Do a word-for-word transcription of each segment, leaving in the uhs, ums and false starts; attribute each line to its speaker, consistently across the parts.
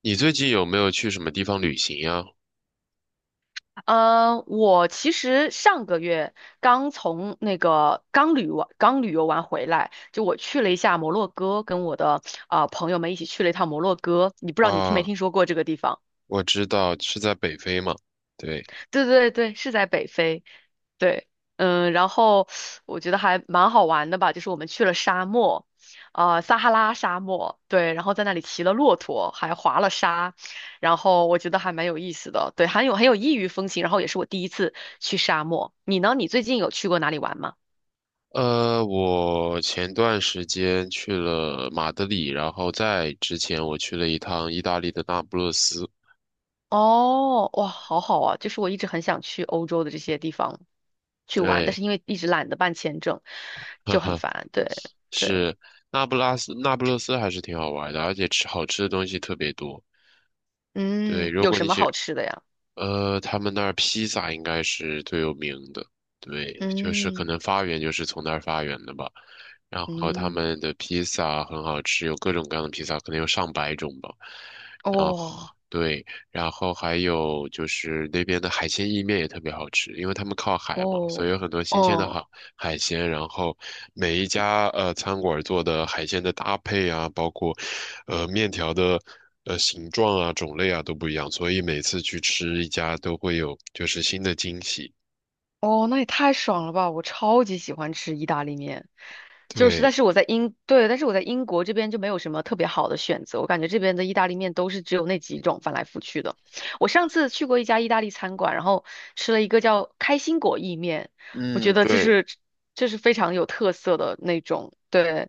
Speaker 1: 你最近有没有去什么地方旅行呀？
Speaker 2: 呃，我其实上个月刚从那个刚旅完刚旅游完回来，就我去了一下摩洛哥，跟我的啊、呃朋友们一起去了一趟摩洛哥。你不知道你听没
Speaker 1: 啊，
Speaker 2: 听说过这个地方？
Speaker 1: 我知道是在北非嘛。对，
Speaker 2: 对对对，是在北非。对，嗯，然后我觉得还蛮好玩的吧，就是我们去了沙漠，啊、撒哈拉沙漠，对，然后在那里骑了骆驼，还滑了沙，然后我觉得还蛮有意思的，对，很有很有异域风情，然后也是我第一次去沙漠。你呢？你最近有去过哪里玩吗？
Speaker 1: 呃，我前段时间去了马德里，然后在之前我去了一趟意大利的那不勒斯。
Speaker 2: 哦，哇，好好啊，就是我一直很想去欧洲的这些地方去玩，但
Speaker 1: 对，
Speaker 2: 是因为一直懒得办签证，
Speaker 1: 呵
Speaker 2: 就很
Speaker 1: 呵，
Speaker 2: 烦。对对，
Speaker 1: 是那不拉斯，那不勒斯还是挺好玩的，而且吃好吃的东西特别多。对，
Speaker 2: 嗯，
Speaker 1: 如
Speaker 2: 有
Speaker 1: 果
Speaker 2: 什
Speaker 1: 你
Speaker 2: 么
Speaker 1: 喜
Speaker 2: 好吃的呀？
Speaker 1: 呃，他们那儿披萨应该是最有名的，对，就是可
Speaker 2: 嗯
Speaker 1: 能发源就是从那儿发源的吧。然后他
Speaker 2: 嗯。
Speaker 1: 们的披萨很好吃，有各种各样的披萨，可能有上百种吧。然后
Speaker 2: 哦
Speaker 1: 对，然后还有就是那边的海鲜意面也特别好吃，因为他们靠海嘛，所
Speaker 2: 哦
Speaker 1: 以有很多新鲜的
Speaker 2: 哦
Speaker 1: 海海鲜。然后每一家呃餐馆做的海鲜的搭配啊，包括呃面条的呃形状啊、种类啊都不一样，所以每次去吃一家都会有就是新的惊喜。
Speaker 2: 哦，那也太爽了吧！我超级喜欢吃意大利面，就是，但
Speaker 1: 对，
Speaker 2: 是我在英，对，但是我在英国这边就没有什么特别好的选择，我感觉这边的意大利面都是只有那几种翻来覆去的。我上次去过一家意大利餐馆，然后吃了一个叫开心果意面，我觉
Speaker 1: 嗯，
Speaker 2: 得这
Speaker 1: 对，
Speaker 2: 是这是非常有特色的那种，对，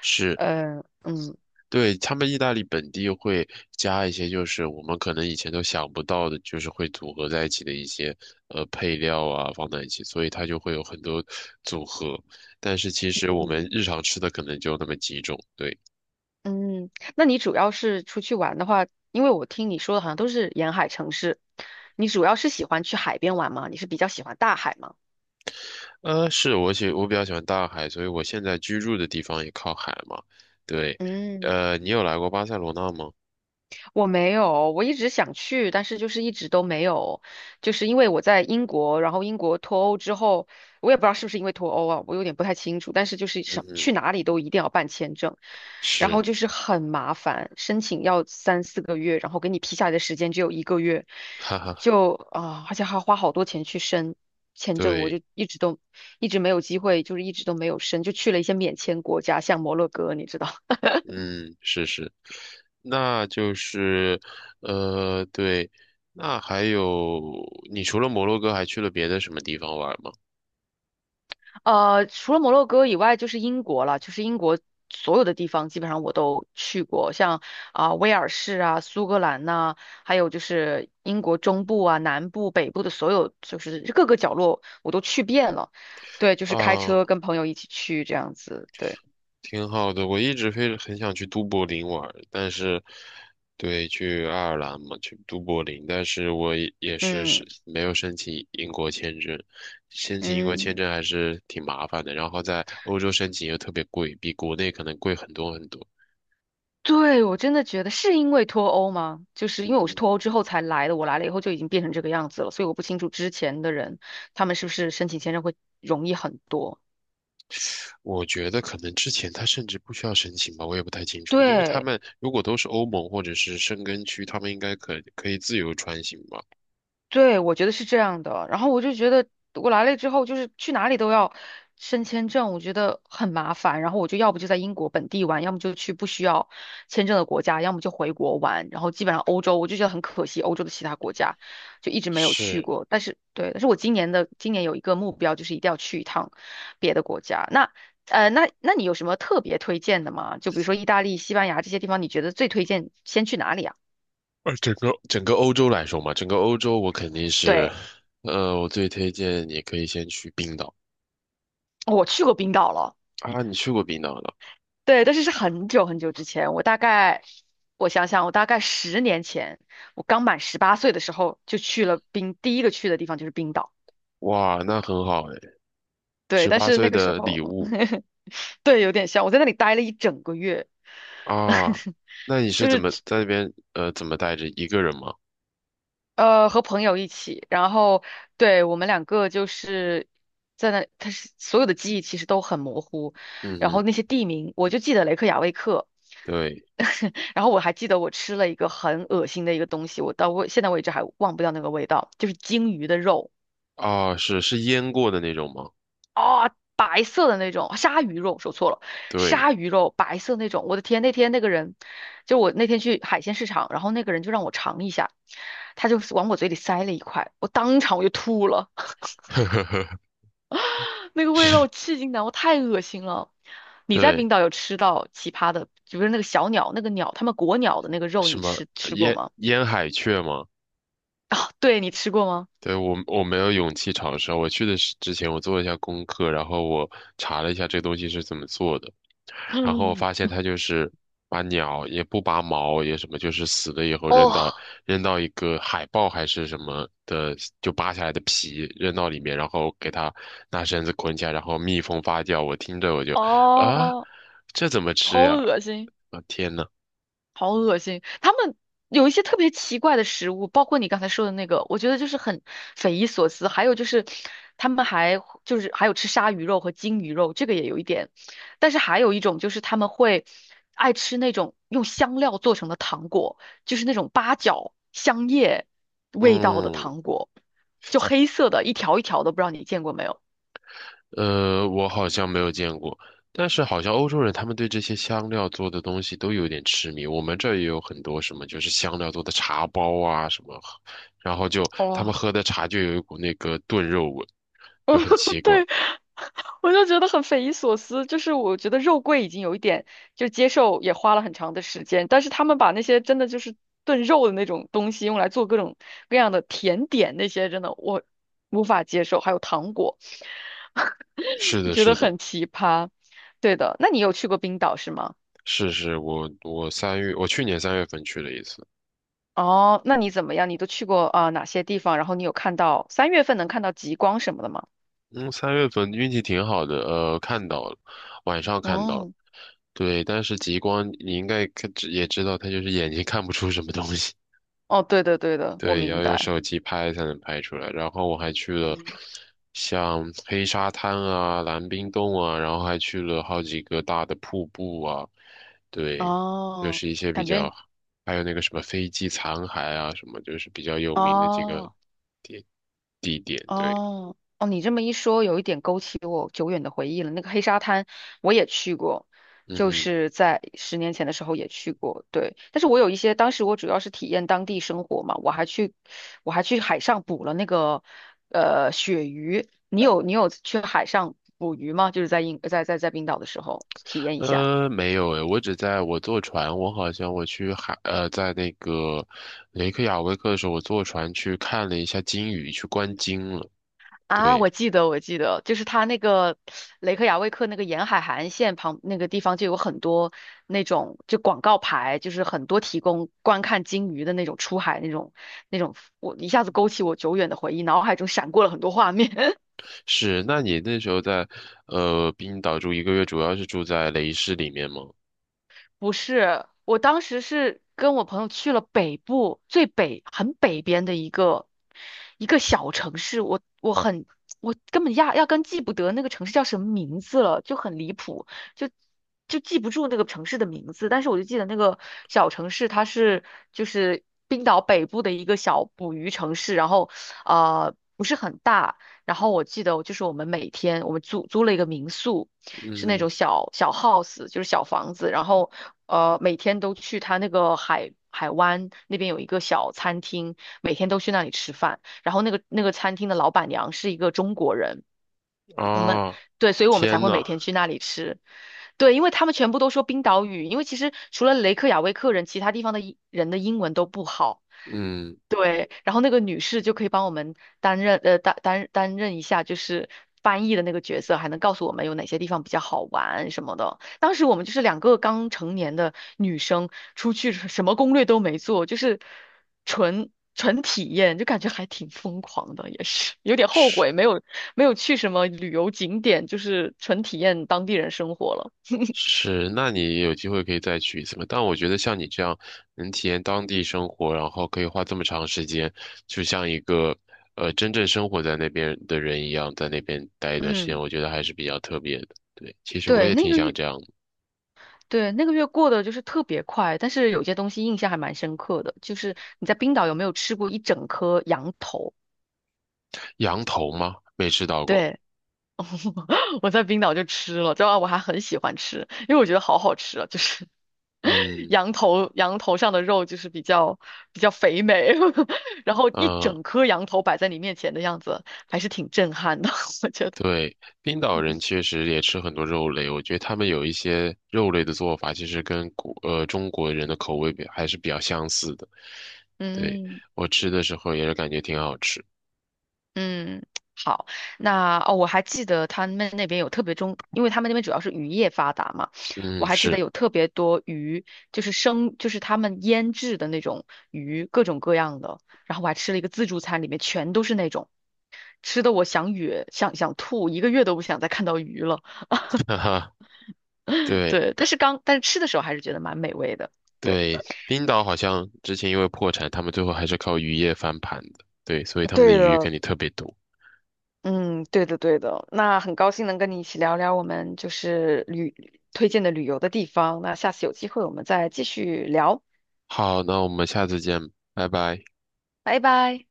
Speaker 1: 是。
Speaker 2: 呃，嗯
Speaker 1: 对，他们意大利本地会加一些，就是我们可能以前都想不到的，就是会组合在一起的一些呃配料啊，放在一起，所以它就会有很多组合。但是其实我们
Speaker 2: 嗯。
Speaker 1: 日常吃的可能就那么几种。对，
Speaker 2: 嗯，那你主要是出去玩的话，因为我听你说的好像都是沿海城市，你主要是喜欢去海边玩吗？你是比较喜欢大海吗？
Speaker 1: 呃，是我喜我比较喜欢大海，所以我现在居住的地方也靠海嘛。对，
Speaker 2: 嗯。
Speaker 1: 呃，你有来过巴塞罗那吗？
Speaker 2: 我没有，我一直想去，但是就是一直都没有，就是因为我在英国，然后英国脱欧之后，我也不知道是不是因为脱欧啊，我有点不太清楚，但是就是
Speaker 1: 嗯
Speaker 2: 想
Speaker 1: 哼，
Speaker 2: 去哪里都一定要办签证，然后
Speaker 1: 是，
Speaker 2: 就是很麻烦，申请要三四个月，然后给你批下来的时间只有一个月，
Speaker 1: 哈哈，
Speaker 2: 就啊，而且还要花好多钱去申签证，我
Speaker 1: 对。
Speaker 2: 就一直都一直没有机会，就是一直都没有申，就去了一些免签国家，像摩洛哥，你知道。
Speaker 1: 嗯，是是，那就是，呃，对，那还有，你除了摩洛哥还去了别的什么地方玩吗？
Speaker 2: 呃，除了摩洛哥以外，就是英国了，就是英国所有的地方基本上我都去过，像啊、威尔士啊、苏格兰呐、还有就是英国中部啊、南部、北部的所有，就是各个角落我都去遍了。对，就是开
Speaker 1: 啊，
Speaker 2: 车跟朋友一起去这样子。对，
Speaker 1: 挺好的，我一直非很想去都柏林玩，但是，对，去爱尔兰嘛，去都柏林，但是我也也是
Speaker 2: 嗯
Speaker 1: 是没有申请英国签证，申请英国
Speaker 2: 嗯，
Speaker 1: 签证还是挺麻烦的，然后在欧洲申请又特别贵，比国内可能贵很多很多。
Speaker 2: 对，我真的觉得是因为脱欧吗？就是因为我是
Speaker 1: 嗯。
Speaker 2: 脱欧之后才来的，我来了以后就已经变成这个样子了，所以我不清楚之前的人他们是不是申请签证会容易很多。
Speaker 1: 我觉得可能之前他甚至不需要申请吧，我也不太清楚，因为他
Speaker 2: 对。
Speaker 1: 们如果都是欧盟或者是申根区，他们应该可可以自由穿行吧？
Speaker 2: 对，我觉得是这样的。然后我就觉得我来了之后，就是去哪里都要申签证，我觉得很麻烦。然后我就要不就在英国本地玩，要么就去不需要签证的国家，要么就回国玩。然后基本上欧洲，我就觉得很可惜，欧洲的其他国家就一直没有去
Speaker 1: 是，
Speaker 2: 过。但是对，但是我今年的今年有一个目标，就是一定要去一趟别的国家。那呃，那那你有什么特别推荐的吗？就比如说意大利、西班牙这些地方，你觉得最推荐先去哪里啊？
Speaker 1: 呃，整个整个欧洲来说嘛，整个欧洲我肯定是，
Speaker 2: 对，
Speaker 1: 呃，我最推荐你可以先去冰岛
Speaker 2: 我去过冰岛了。
Speaker 1: 啊，你去过冰岛了？
Speaker 2: 对，但是是很久很久之前，我大概，我想想，我大概十年前，我刚满十八岁的时候就去了冰，第一个去的地方就是冰岛。
Speaker 1: 哇，那很好哎，
Speaker 2: 对，
Speaker 1: 十
Speaker 2: 但
Speaker 1: 八
Speaker 2: 是
Speaker 1: 岁
Speaker 2: 那个时
Speaker 1: 的礼
Speaker 2: 候，
Speaker 1: 物
Speaker 2: 对，有点像，我在那里待了一整个月。
Speaker 1: 啊，那你是怎么在那边呃怎么带着一个人吗？
Speaker 2: 呃，和朋友一起，然后对我们两个就是在那，他是所有的记忆其实都很模糊，
Speaker 1: 嗯
Speaker 2: 然后
Speaker 1: 嗯，
Speaker 2: 那些地名我就记得雷克雅未克，
Speaker 1: 对
Speaker 2: 然后我还记得我吃了一个很恶心的一个东西，我到我现在为止还忘不掉那个味道，就是鲸鱼的肉
Speaker 1: 啊，是是腌过的那种吗？
Speaker 2: 啊、白色的那种鲨鱼肉，说错了，
Speaker 1: 对。
Speaker 2: 鲨鱼肉白色那种，我的天，那天那个人就我那天去海鲜市场，然后那个人就让我尝一下，他就往我嘴里塞了一块，我当场我就吐了。
Speaker 1: 呵呵呵，
Speaker 2: 那个味道我至今难，我太恶心了。你在
Speaker 1: 对，
Speaker 2: 冰岛有吃到奇葩的，就是那个小鸟，那个鸟，他们国鸟的那个肉，
Speaker 1: 什
Speaker 2: 你
Speaker 1: 么
Speaker 2: 吃吃过
Speaker 1: 烟
Speaker 2: 吗？
Speaker 1: 烟海雀吗？
Speaker 2: 啊，对，你吃过吗？
Speaker 1: 对，我我没有勇气尝试。我去的是之前，我做了一下功课，然后我查了一下这东西是怎么做的，然后我
Speaker 2: 嗯，
Speaker 1: 发现它就是把鸟也不拔毛也什么，就是死了以后扔到
Speaker 2: 哦
Speaker 1: 扔到一个海豹还是什么的，就扒下来的皮扔到里面，然后给它拿绳子捆起来，然后密封发酵。我听着我就啊，
Speaker 2: 哦，
Speaker 1: 这怎么
Speaker 2: 好
Speaker 1: 吃呀？
Speaker 2: 恶心。
Speaker 1: 啊天呐，
Speaker 2: 好恶心！他们有一些特别奇怪的食物，包括你刚才说的那个，我觉得就是很匪夷所思。还有就是，他们还就是还有吃鲨鱼肉和鲸鱼肉，这个也有一点。但是还有一种就是他们会爱吃那种用香料做成的糖果，就是那种八角、香叶味道的
Speaker 1: 嗯。
Speaker 2: 糖果，就黑色的，一条一条的，不知道你见过没有？
Speaker 1: 呃，我好像没有见过，但是好像欧洲人他们对这些香料做的东西都有点痴迷。我们这儿也有很多什么，就是香料做的茶包啊什么，然后就他们
Speaker 2: 哦，
Speaker 1: 喝的茶就有一股那个炖肉味，就很奇怪。
Speaker 2: 对，我就觉得很匪夷所思。就是我觉得肉桂已经有一点就接受，也花了很长的时间，但是他们把那些真的就是炖肉的那种东西用来做各种各样的甜点，那些真的我无法接受。还有糖果，
Speaker 1: 是
Speaker 2: 就
Speaker 1: 的，
Speaker 2: 觉得
Speaker 1: 是的，
Speaker 2: 很奇葩。对的，那你有去过冰岛是吗？
Speaker 1: 是是，我我三月，我去年三月份去了一次，
Speaker 2: 哦，那你怎么样？你都去过啊、哪些地方？然后你有看到三月份能看到极光什么的吗？
Speaker 1: 嗯，三月份运气挺好的，呃，看到了，晚上看到了
Speaker 2: 哦，
Speaker 1: 对，但是极光你应该看也知道，它就是眼睛看不出什么东西。
Speaker 2: 哦，对的对的，我
Speaker 1: 对，
Speaker 2: 明
Speaker 1: 要用
Speaker 2: 白。
Speaker 1: 手机拍才能拍出来。然后我还去了像黑沙滩啊、蓝冰洞啊，然后还去了好几个大的瀑布啊。对，就
Speaker 2: 哦，
Speaker 1: 是一些比
Speaker 2: 感觉
Speaker 1: 较，还有那个什么飞机残骸啊，什么就是比较有名的几个
Speaker 2: 哦
Speaker 1: 地地点。对，
Speaker 2: 哦哦，你这么一说，有一点勾起我久远的回忆了。那个黑沙滩我也去过，
Speaker 1: 嗯
Speaker 2: 就
Speaker 1: 嗯
Speaker 2: 是在十年前的时候也去过，对。但是我有一些，当时我主要是体验当地生活嘛，我还去我还去海上捕了那个呃鳕鱼。你有你有去海上捕鱼吗？就是在英在在在冰岛的时候体验一下。
Speaker 1: 呃，没有诶，我只在我坐船，我好像我去海，呃，在那个雷克雅未克的时候，我坐船去看了一下鲸鱼，去观鲸了。
Speaker 2: 啊，
Speaker 1: 对。
Speaker 2: 我记得，我记得，就是他那个雷克雅未克那个沿海海岸线旁那个地方，就有很多那种就广告牌，就是很多提供观看鲸鱼的那种出海那种那种，我一下子勾起我久远的回忆，脑海中闪过了很多画面。
Speaker 1: 是，那你那时候在呃冰岛住一个月，主要是住在雷士里面吗？
Speaker 2: 不是，我当时是跟我朋友去了北部，最北，很北边的一个一个小城市，我我很我根本压压根记不得那个城市叫什么名字了，就很离谱，就就记不住那个城市的名字，但是我就记得那个小城市它是就是冰岛北部的一个小捕鱼城市，然后呃不是很大，然后我记得就是我们每天我们租租了一个民宿。是那
Speaker 1: 嗯，
Speaker 2: 种小小 house，就是小房子，然后呃每天都去他那个海海湾那边有一个小餐厅，每天都去那里吃饭，然后那个那个餐厅的老板娘是一个中国人，
Speaker 1: 啊，
Speaker 2: 对，所以我们才
Speaker 1: 天
Speaker 2: 会
Speaker 1: 呐，
Speaker 2: 每天去那里吃。对，因为他们全部都说冰岛语，因为其实除了雷克雅未克人，其他地方的英人的英文都不好。
Speaker 1: 嗯，
Speaker 2: 对，然后那个女士就可以帮我们担任呃担担担任一下就是翻译的那个角色，还能告诉我们有哪些地方比较好玩什么的。当时我们就是两个刚成年的女生出去，什么攻略都没做，就是纯纯体验，就感觉还挺疯狂的，也是有点后
Speaker 1: 是
Speaker 2: 悔没有没有去什么旅游景点，就是纯体验当地人生活了。
Speaker 1: 是，那你有机会可以再去一次嘛？但我觉得像你这样能体验当地生活，然后可以花这么长时间，就像一个呃真正生活在那边的人一样，在那边待一段时
Speaker 2: 嗯，
Speaker 1: 间，我觉得还是比较特别的。对，其实我
Speaker 2: 对，
Speaker 1: 也
Speaker 2: 那
Speaker 1: 挺
Speaker 2: 个
Speaker 1: 想
Speaker 2: 月，
Speaker 1: 这样的
Speaker 2: 对，那个月过得就是特别快，但是有些东西印象还蛮深刻的，就是你在冰岛有没有吃过一整颗羊头？
Speaker 1: 羊头吗？没吃到过。
Speaker 2: 对。我在冰岛就吃了，主要我还很喜欢吃，因为我觉得好好吃啊，就是
Speaker 1: 嗯。
Speaker 2: 羊头羊头上的肉就是比较比较肥美，然后一
Speaker 1: 嗯，
Speaker 2: 整颗羊头摆在你面前的样子，还是挺震撼的，我觉得。
Speaker 1: 对，冰岛人确实也吃很多肉类，我觉得他们有一些肉类的做法，其实跟国呃中国人的口味比还是比较相似的。对，
Speaker 2: 嗯
Speaker 1: 我吃的时候也是感觉挺好吃。
Speaker 2: 嗯，好，那哦，我还记得他们那边有特别中，因为他们那边主要是渔业发达嘛，我
Speaker 1: 嗯，
Speaker 2: 还记得
Speaker 1: 是，
Speaker 2: 有特别多鱼，就是生，就是他们腌制的那种鱼，各种各样的。然后我还吃了一个自助餐，里面全都是那种。吃的我想哕，想想吐，一个月都不想再看到鱼了。
Speaker 1: 哈哈，对
Speaker 2: 对，但是刚但是吃的时候还是觉得蛮美味的。对，
Speaker 1: 对，冰岛好像之前因为破产，他们最后还是靠渔业翻盘的。对，所以他们的
Speaker 2: 对
Speaker 1: 鱼肯
Speaker 2: 的，
Speaker 1: 定特别多。
Speaker 2: 嗯，对的对的。那很高兴能跟你一起聊聊我们就是旅推荐的旅游的地方。那下次有机会我们再继续聊，
Speaker 1: 好，那我们下次见，拜拜。
Speaker 2: 拜拜。